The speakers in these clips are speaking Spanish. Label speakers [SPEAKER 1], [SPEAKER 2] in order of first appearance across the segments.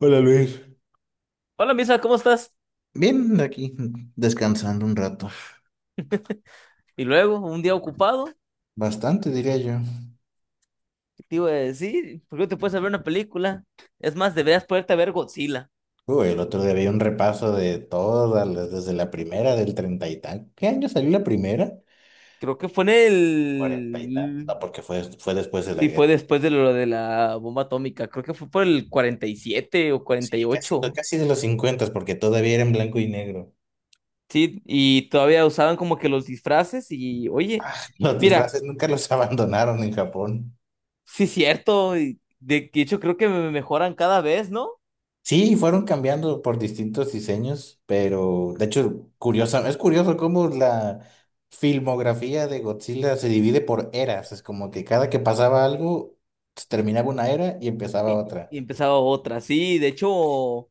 [SPEAKER 1] Hola, Luis.
[SPEAKER 2] Hola, Misa, ¿cómo estás?
[SPEAKER 1] Bien, aquí, descansando un rato.
[SPEAKER 2] Y luego, un día ocupado,
[SPEAKER 1] Bastante, diría yo.
[SPEAKER 2] ¿qué te iba a decir? ¿Por qué no te puedes ver una película? Es más, deberías poderte ver Godzilla.
[SPEAKER 1] Uy, el otro día vi un repaso de todas, las- desde la primera del treinta y tal. ¿Qué año salió la primera?
[SPEAKER 2] Creo que fue en
[SPEAKER 1] Cuarenta y tal.
[SPEAKER 2] el...
[SPEAKER 1] No, porque fue después de la
[SPEAKER 2] Sí,
[SPEAKER 1] guerra.
[SPEAKER 2] fue después de lo de la bomba atómica. Creo que fue por el 47 o
[SPEAKER 1] Sí, casi, no,
[SPEAKER 2] 48.
[SPEAKER 1] casi de los cincuentas, porque todavía era en blanco y negro.
[SPEAKER 2] Sí, y todavía usaban como que los disfraces y, oye,
[SPEAKER 1] Ah, los
[SPEAKER 2] mira,
[SPEAKER 1] disfraces nunca los abandonaron en Japón.
[SPEAKER 2] sí es cierto. Y de hecho, creo que me mejoran cada vez, ¿no?
[SPEAKER 1] Sí, fueron cambiando por distintos diseños, pero de hecho, curiosa, es curioso cómo la filmografía de Godzilla se divide por eras. Es como que cada que pasaba algo, se terminaba una era y empezaba
[SPEAKER 2] Y,
[SPEAKER 1] otra.
[SPEAKER 2] y empezaba otra. Sí, de hecho...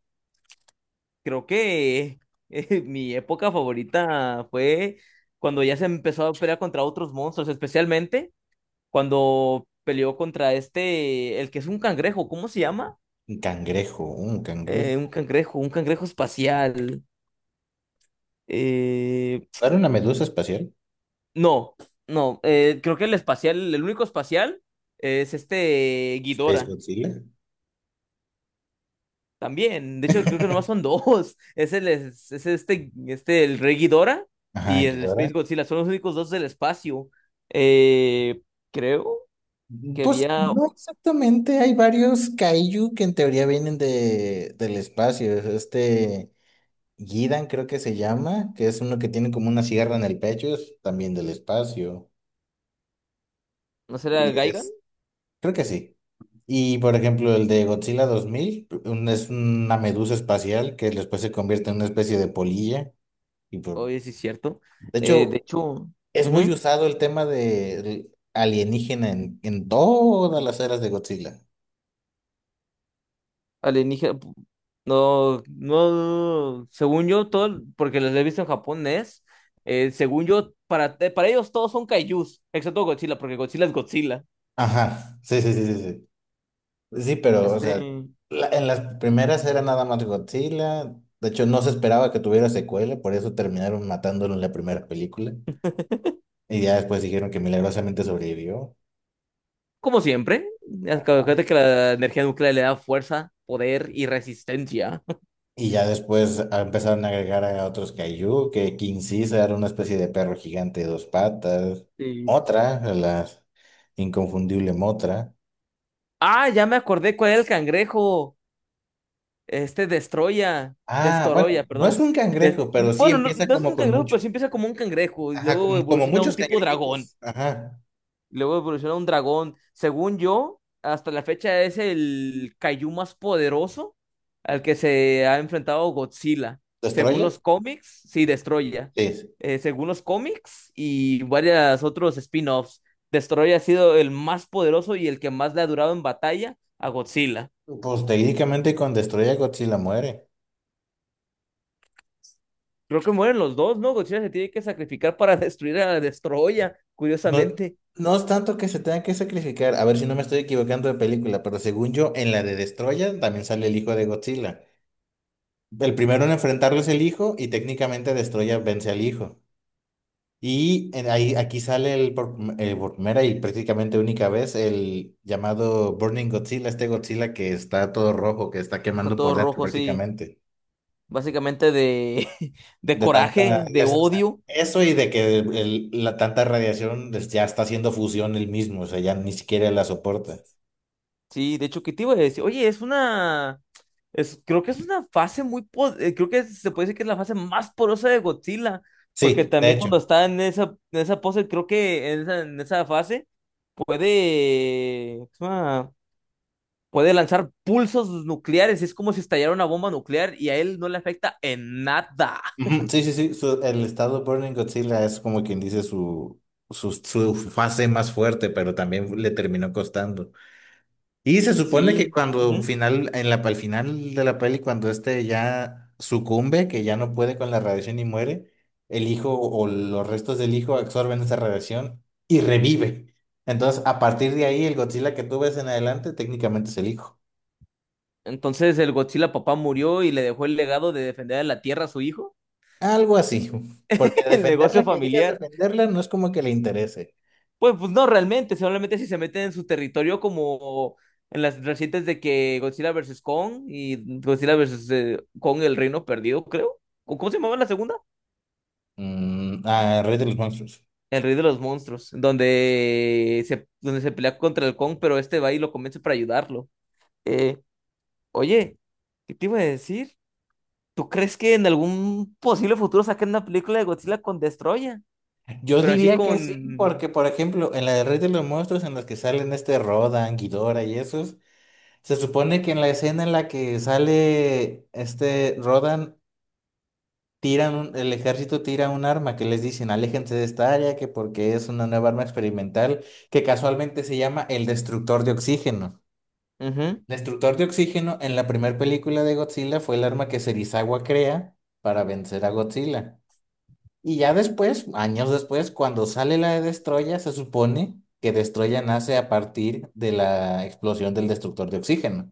[SPEAKER 2] creo que mi época favorita fue cuando ya se empezó a pelear contra otros monstruos, especialmente cuando peleó contra este, el que es un cangrejo, ¿cómo se llama?
[SPEAKER 1] Un cangrejo, un
[SPEAKER 2] Un
[SPEAKER 1] cangrejo.
[SPEAKER 2] cangrejo, un cangrejo espacial. Eh,
[SPEAKER 1] ¿No era una medusa espacial?
[SPEAKER 2] no, no, creo que el espacial, el único espacial es este
[SPEAKER 1] Space
[SPEAKER 2] Ghidorah.
[SPEAKER 1] Godzilla.
[SPEAKER 2] También, de hecho, creo que nomás son dos. Es este, este, el Rey Ghidorah
[SPEAKER 1] Ajá,
[SPEAKER 2] y el
[SPEAKER 1] Ghidorah.
[SPEAKER 2] Space Godzilla. Son los únicos dos del espacio. Eh, creo que
[SPEAKER 1] Pues
[SPEAKER 2] había,
[SPEAKER 1] no exactamente, hay varios kaiju que en teoría vienen de, del espacio. Este. Gidan creo que se llama, que es uno que tiene como una sierra en el pecho, es también del espacio.
[SPEAKER 2] ¿no será
[SPEAKER 1] Y
[SPEAKER 2] Gaigan?
[SPEAKER 1] es, creo que sí. Y por ejemplo, el de Godzilla 2000 un- es una medusa espacial que después se convierte en una especie de polilla. Y por...
[SPEAKER 2] Oye, sí es cierto.
[SPEAKER 1] De
[SPEAKER 2] De
[SPEAKER 1] hecho,
[SPEAKER 2] hecho,
[SPEAKER 1] es muy
[SPEAKER 2] ujú,
[SPEAKER 1] usado el tema de alienígena en todas las eras de Godzilla.
[SPEAKER 2] alienígena. No, no, según yo, todo, porque los he visto en japonés. Según yo, para ellos todos son kaijus, excepto Godzilla, porque Godzilla es Godzilla.
[SPEAKER 1] Ajá, sí, sí, sí, sí, sí. Pues sí, pero, o sea,
[SPEAKER 2] Este.
[SPEAKER 1] la- en las primeras era nada más Godzilla. De hecho, no se esperaba que tuviera secuela, por eso terminaron matándolo en la primera película. Y ya después dijeron que milagrosamente sobrevivió.
[SPEAKER 2] Como siempre,
[SPEAKER 1] Ajá.
[SPEAKER 2] acuérdate que la energía nuclear le da fuerza, poder y resistencia.
[SPEAKER 1] Y ya después empezaron a agregar a otros Kaiju, que King Caesar, una especie de perro gigante de dos patas.
[SPEAKER 2] Sí.
[SPEAKER 1] Otra, la inconfundible Motra.
[SPEAKER 2] Ah, ya me acordé cuál era el cangrejo. Este Destroya,
[SPEAKER 1] Ah, bueno,
[SPEAKER 2] Destoroya,
[SPEAKER 1] no es
[SPEAKER 2] perdón.
[SPEAKER 1] un
[SPEAKER 2] Des-
[SPEAKER 1] cangrejo, pero sí
[SPEAKER 2] Bueno, no,
[SPEAKER 1] empieza
[SPEAKER 2] no es
[SPEAKER 1] como
[SPEAKER 2] un
[SPEAKER 1] con
[SPEAKER 2] cangrejo,
[SPEAKER 1] mucho.
[SPEAKER 2] pero sí empieza como un cangrejo y
[SPEAKER 1] Ajá,
[SPEAKER 2] luego
[SPEAKER 1] como, como
[SPEAKER 2] evoluciona a
[SPEAKER 1] muchos
[SPEAKER 2] un tipo dragón.
[SPEAKER 1] cangrejitos. Ajá.
[SPEAKER 2] Luego evoluciona un dragón. Según yo, hasta la fecha es el Kaiju más poderoso al que se ha enfrentado Godzilla. Según
[SPEAKER 1] ¿Destroya?
[SPEAKER 2] los cómics, sí, Destroya.
[SPEAKER 1] Sí,
[SPEAKER 2] Según los cómics y varios otros spin-offs, Destroya ha sido el más poderoso y el que más le ha durado en batalla a Godzilla.
[SPEAKER 1] pues técnicamente con Destruye a Godzilla muere.
[SPEAKER 2] Creo que mueren los dos, ¿no? Godzilla se tiene que sacrificar para destruir a Destroya,
[SPEAKER 1] No,
[SPEAKER 2] curiosamente.
[SPEAKER 1] no es tanto que se tenga que sacrificar. A ver si no me estoy equivocando de película, pero según yo, en la de Destroya también sale el hijo de Godzilla. El primero en enfrentarlo es el hijo y técnicamente Destroya vence al hijo. Y en- ahí, aquí sale el por primera y prácticamente única vez el llamado Burning Godzilla, este Godzilla que está todo rojo, que está
[SPEAKER 2] Está
[SPEAKER 1] quemando
[SPEAKER 2] todo
[SPEAKER 1] por dentro
[SPEAKER 2] rojo, sí.
[SPEAKER 1] prácticamente.
[SPEAKER 2] Básicamente de, de
[SPEAKER 1] De tanta,
[SPEAKER 2] coraje, de
[SPEAKER 1] es- o sea,
[SPEAKER 2] odio.
[SPEAKER 1] eso y de que el- la tanta radiación pues, ya está haciendo fusión el mismo, o sea, ya ni siquiera la soporta.
[SPEAKER 2] Sí, de hecho, ¿qué te iba a decir? Oye, es una... Es, creo que es una fase muy... Creo que se puede decir que es la fase más porosa de Godzilla, porque
[SPEAKER 1] Sí, de
[SPEAKER 2] también
[SPEAKER 1] hecho.
[SPEAKER 2] cuando está en esa pose, creo que en esa fase puede... ¿cómo se llama? Puede lanzar pulsos nucleares, es como si estallara una bomba nuclear y a él no le afecta en nada.
[SPEAKER 1] Ujú, sí, sí, sí, su- el estado Burning Godzilla es como quien dice su fase más fuerte, pero también le terminó costando. Y se supone que
[SPEAKER 2] Sí.
[SPEAKER 1] cuando
[SPEAKER 2] Ujú.
[SPEAKER 1] final, en la, al final de la peli, cuando este ya sucumbe, que ya no puede con la radiación y muere, el hijo o los restos del hijo absorben esa radiación y revive. Entonces, a partir de ahí, el Godzilla que tú ves en adelante técnicamente es el hijo.
[SPEAKER 2] Entonces el Godzilla papá murió y le dejó el legado de defender a la Tierra a su hijo,
[SPEAKER 1] Algo así. Porque
[SPEAKER 2] el negocio
[SPEAKER 1] defenderla, que digas
[SPEAKER 2] familiar.
[SPEAKER 1] defenderla, no es como que le interese.
[SPEAKER 2] Pues, pues no realmente, solamente si se meten en su territorio como en las recientes de que Godzilla versus Kong y Godzilla versus Kong el Reino Perdido, creo. ¿O ¿Cómo se llamaba la segunda?
[SPEAKER 1] Mm, a Rey de los Monstruos.
[SPEAKER 2] El Rey de los Monstruos, donde se pelea contra el Kong, pero este va y lo convence para ayudarlo. Eh, oye, ¿qué te iba a decir? ¿Tú crees que en algún posible futuro saquen una película de Godzilla con Destroya?
[SPEAKER 1] Yo
[SPEAKER 2] Pero así
[SPEAKER 1] diría que sí, porque,
[SPEAKER 2] con...
[SPEAKER 1] por ejemplo, en la de Rey de los Monstruos, en las que salen este Rodan, Ghidorah y esos. Se supone que en la escena en la que sale este Rodan, tiran un- el ejército tira un arma que les dicen, aléjense de esta área, que porque es una nueva arma experimental, que casualmente se llama el destructor de oxígeno.
[SPEAKER 2] Ujú,
[SPEAKER 1] Destructor de oxígeno en la primera película de Godzilla fue el arma que Serizawa crea para vencer a Godzilla. Y ya después, años después, cuando sale la de Destroya, se supone que Destroya nace a partir de la explosión del destructor de oxígeno.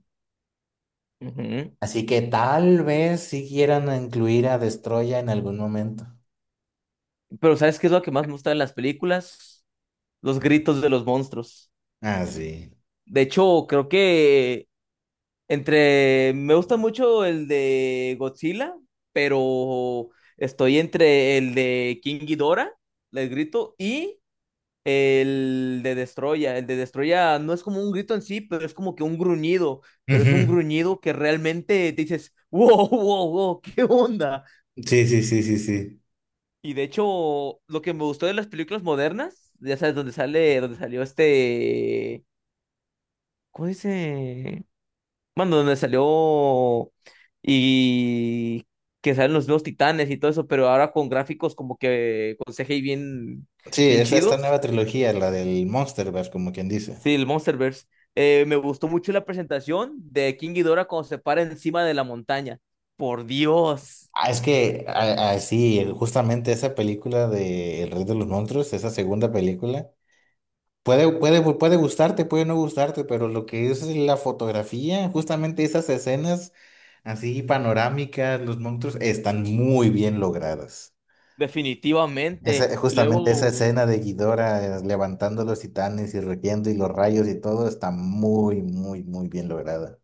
[SPEAKER 2] ujú.
[SPEAKER 1] Así que tal vez si quieran incluir a Destroya en algún momento.
[SPEAKER 2] Pero ¿sabes qué es lo que más me gusta de las películas? Los gritos de los monstruos.
[SPEAKER 1] Ah, sí.
[SPEAKER 2] De hecho, creo que entre... Me gusta mucho el de Godzilla, pero estoy entre el de King Ghidorah, el grito, y el de Destroya. El de Destroya no es como un grito en sí, pero es como que un gruñido. Pero es un
[SPEAKER 1] Ujú.
[SPEAKER 2] gruñido que realmente te dices, wow, wow, wow, ¿qué onda?
[SPEAKER 1] Sí, sí, sí, sí, sí.
[SPEAKER 2] Y de hecho, lo que me gustó de las películas modernas, ya sabes, dónde sale, dónde salió este... ¿Cómo dice? Bueno, donde salió y que salen los nuevos titanes y todo eso, pero ahora con gráficos como que con CGI bien,
[SPEAKER 1] Sí,
[SPEAKER 2] bien
[SPEAKER 1] es esta
[SPEAKER 2] chidos.
[SPEAKER 1] nueva trilogía, la del Monsterverse, como quien dice.
[SPEAKER 2] Sí, el Monsterverse. Me gustó mucho la presentación de King Ghidorah cuando se para encima de la montaña. Por Dios,
[SPEAKER 1] Ah, es que, a- sí, justamente esa película de El Rey de los Monstruos, esa segunda película, puede, puede, puede gustarte, puede no gustarte, pero lo que es la fotografía, justamente esas escenas así panorámicas, los monstruos, están muy bien logradas.
[SPEAKER 2] definitivamente.
[SPEAKER 1] Esa- justamente esa
[SPEAKER 2] Luego
[SPEAKER 1] escena de Ghidorah levantando los titanes y rugiendo y los rayos y todo está muy, muy, muy bien lograda.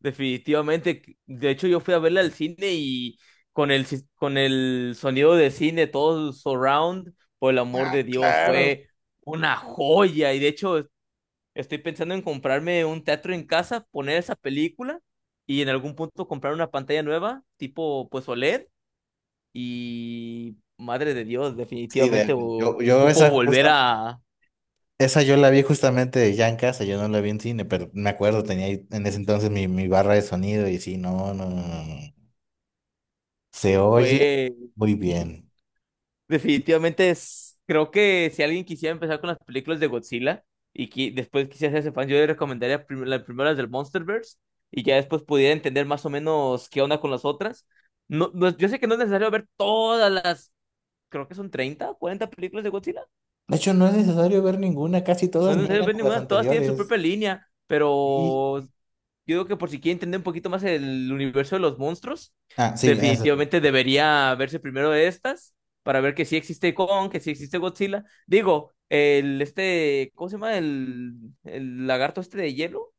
[SPEAKER 2] definitivamente, de hecho yo fui a verla al cine y con el, con el sonido de cine, todo surround, por el amor
[SPEAKER 1] Ah,
[SPEAKER 2] de Dios,
[SPEAKER 1] claro.
[SPEAKER 2] fue una joya y de hecho estoy pensando en comprarme un teatro en casa, poner esa película y en algún punto comprar una pantalla nueva, tipo pues OLED y madre de Dios,
[SPEAKER 1] Sí, de-
[SPEAKER 2] definitivamente
[SPEAKER 1] yo
[SPEAKER 2] ocupo
[SPEAKER 1] esa
[SPEAKER 2] volver
[SPEAKER 1] justa,
[SPEAKER 2] a...
[SPEAKER 1] esa yo la vi justamente de ya en casa, yo no la vi en cine, pero me acuerdo, tenía ahí en ese entonces mi barra de sonido y sí, no, no, no, no, no. Se oye muy bien.
[SPEAKER 2] Definitivamente es, creo que si alguien quisiera empezar con las películas de Godzilla y después quisiera hacerse fan, yo le recomendaría las primeras del Monsterverse y ya después pudiera entender más o menos qué onda con las otras. No, yo sé que no es necesario ver todas las, creo que son 30 40 películas de Godzilla.
[SPEAKER 1] De hecho, no es necesario ver ninguna, casi
[SPEAKER 2] No
[SPEAKER 1] todas
[SPEAKER 2] es necesario
[SPEAKER 1] niegan
[SPEAKER 2] ver
[SPEAKER 1] a las
[SPEAKER 2] ninguna, todas tienen su
[SPEAKER 1] anteriores.
[SPEAKER 2] propia línea,
[SPEAKER 1] Sí.
[SPEAKER 2] pero yo creo que por si quiere entender un poquito más el universo de los monstruos,
[SPEAKER 1] Ah, sí, esa sí.
[SPEAKER 2] definitivamente debería verse primero de estas para ver que sí existe Kong, que sí existe Godzilla. Digo, el este, ¿cómo se llama? El lagarto este de hielo.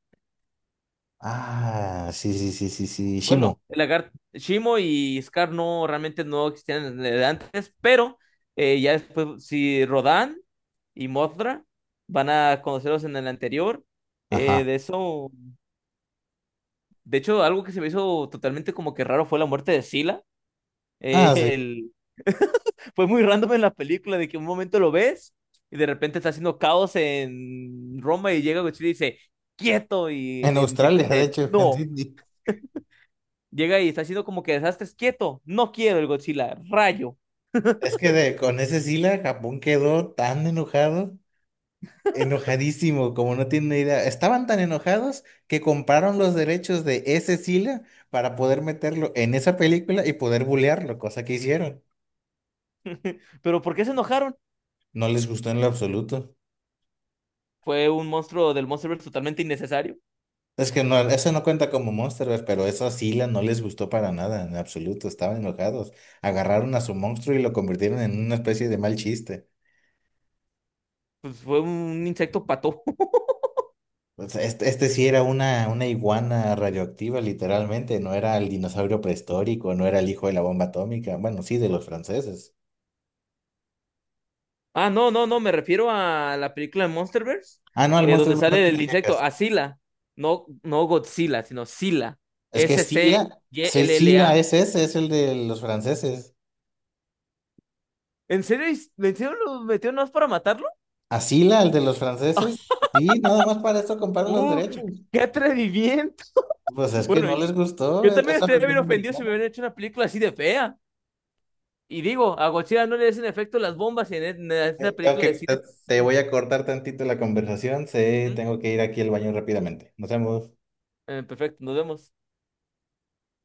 [SPEAKER 1] Ah, sí, sí, sí, sí, sí.
[SPEAKER 2] Bueno,
[SPEAKER 1] Shimo.
[SPEAKER 2] el lagarto Shimo y Scar no realmente no existían desde antes, pero ya después si Rodan y Mothra van a conocerlos en el anterior. Eh,
[SPEAKER 1] Ajá.
[SPEAKER 2] de eso, de hecho, algo que se me hizo totalmente como que raro fue la muerte de Sila.
[SPEAKER 1] Ah, sí,
[SPEAKER 2] El... fue muy random en la película de que un momento lo ves y de repente está haciendo caos en Roma y llega Godzilla y dice, quieto,
[SPEAKER 1] en
[SPEAKER 2] y el insecto
[SPEAKER 1] Australia, de
[SPEAKER 2] dice,
[SPEAKER 1] hecho, en
[SPEAKER 2] no.
[SPEAKER 1] Sydney.
[SPEAKER 2] Llega y está haciendo como que desastres, quieto, no quiero el Godzilla, rayo.
[SPEAKER 1] Es que de- con ese Sila, Japón quedó tan enojado, enojadísimo, como no tiene idea. Estaban tan enojados que compraron los derechos de ese Sila para poder meterlo en esa película y poder bulearlo, cosa que hicieron.
[SPEAKER 2] Pero ¿por qué se enojaron?
[SPEAKER 1] No les gustó en lo absoluto.
[SPEAKER 2] Fue un monstruo del Monsterverse totalmente innecesario.
[SPEAKER 1] Es que no, eso no cuenta como Monsterverse, pero esa Sila no les gustó para nada, en absoluto. Estaban enojados. Agarraron a su monstruo y lo convirtieron en una especie de mal chiste.
[SPEAKER 2] Pues fue un insecto pato.
[SPEAKER 1] Pues este sí era una iguana radioactiva, literalmente. No era el dinosaurio prehistórico, no era el hijo de la bomba atómica. Bueno, sí, de los franceses.
[SPEAKER 2] Ah, no, no, no, me refiero a la película de Monsterverse,
[SPEAKER 1] Ah, no, el monstruo
[SPEAKER 2] donde
[SPEAKER 1] es- bueno, no
[SPEAKER 2] sale el
[SPEAKER 1] tienen
[SPEAKER 2] insecto,
[SPEAKER 1] quejas.
[SPEAKER 2] Asila, no, no Godzilla, sino Sila,
[SPEAKER 1] Es que Sila, sí, Sila
[SPEAKER 2] Scylla. S C Y L L A.
[SPEAKER 1] es ese, es el de los franceses.
[SPEAKER 2] ¿En serio, en serio lo metió nomás para matarlo?
[SPEAKER 1] A Sila, el de los franceses, sí, nada más para esto comparan los
[SPEAKER 2] ¡Uh!
[SPEAKER 1] derechos.
[SPEAKER 2] ¡Qué atrevimiento!
[SPEAKER 1] Pues es que
[SPEAKER 2] Bueno,
[SPEAKER 1] no les gustó
[SPEAKER 2] yo
[SPEAKER 1] e-
[SPEAKER 2] también
[SPEAKER 1] esa
[SPEAKER 2] estaría bien
[SPEAKER 1] versión
[SPEAKER 2] ofendido si me
[SPEAKER 1] americana.
[SPEAKER 2] hubieran hecho una película así de fea. Y digo, a Godzilla no le hacen efecto las bombas y en, en esta
[SPEAKER 1] Tengo
[SPEAKER 2] película de
[SPEAKER 1] que- te
[SPEAKER 2] Sila.
[SPEAKER 1] te voy a cortar tantito la conversación.
[SPEAKER 2] Sí,
[SPEAKER 1] Sí,
[SPEAKER 2] ujú.
[SPEAKER 1] tengo que ir aquí al baño rápidamente. Nos vemos.
[SPEAKER 2] Perfecto, nos vemos.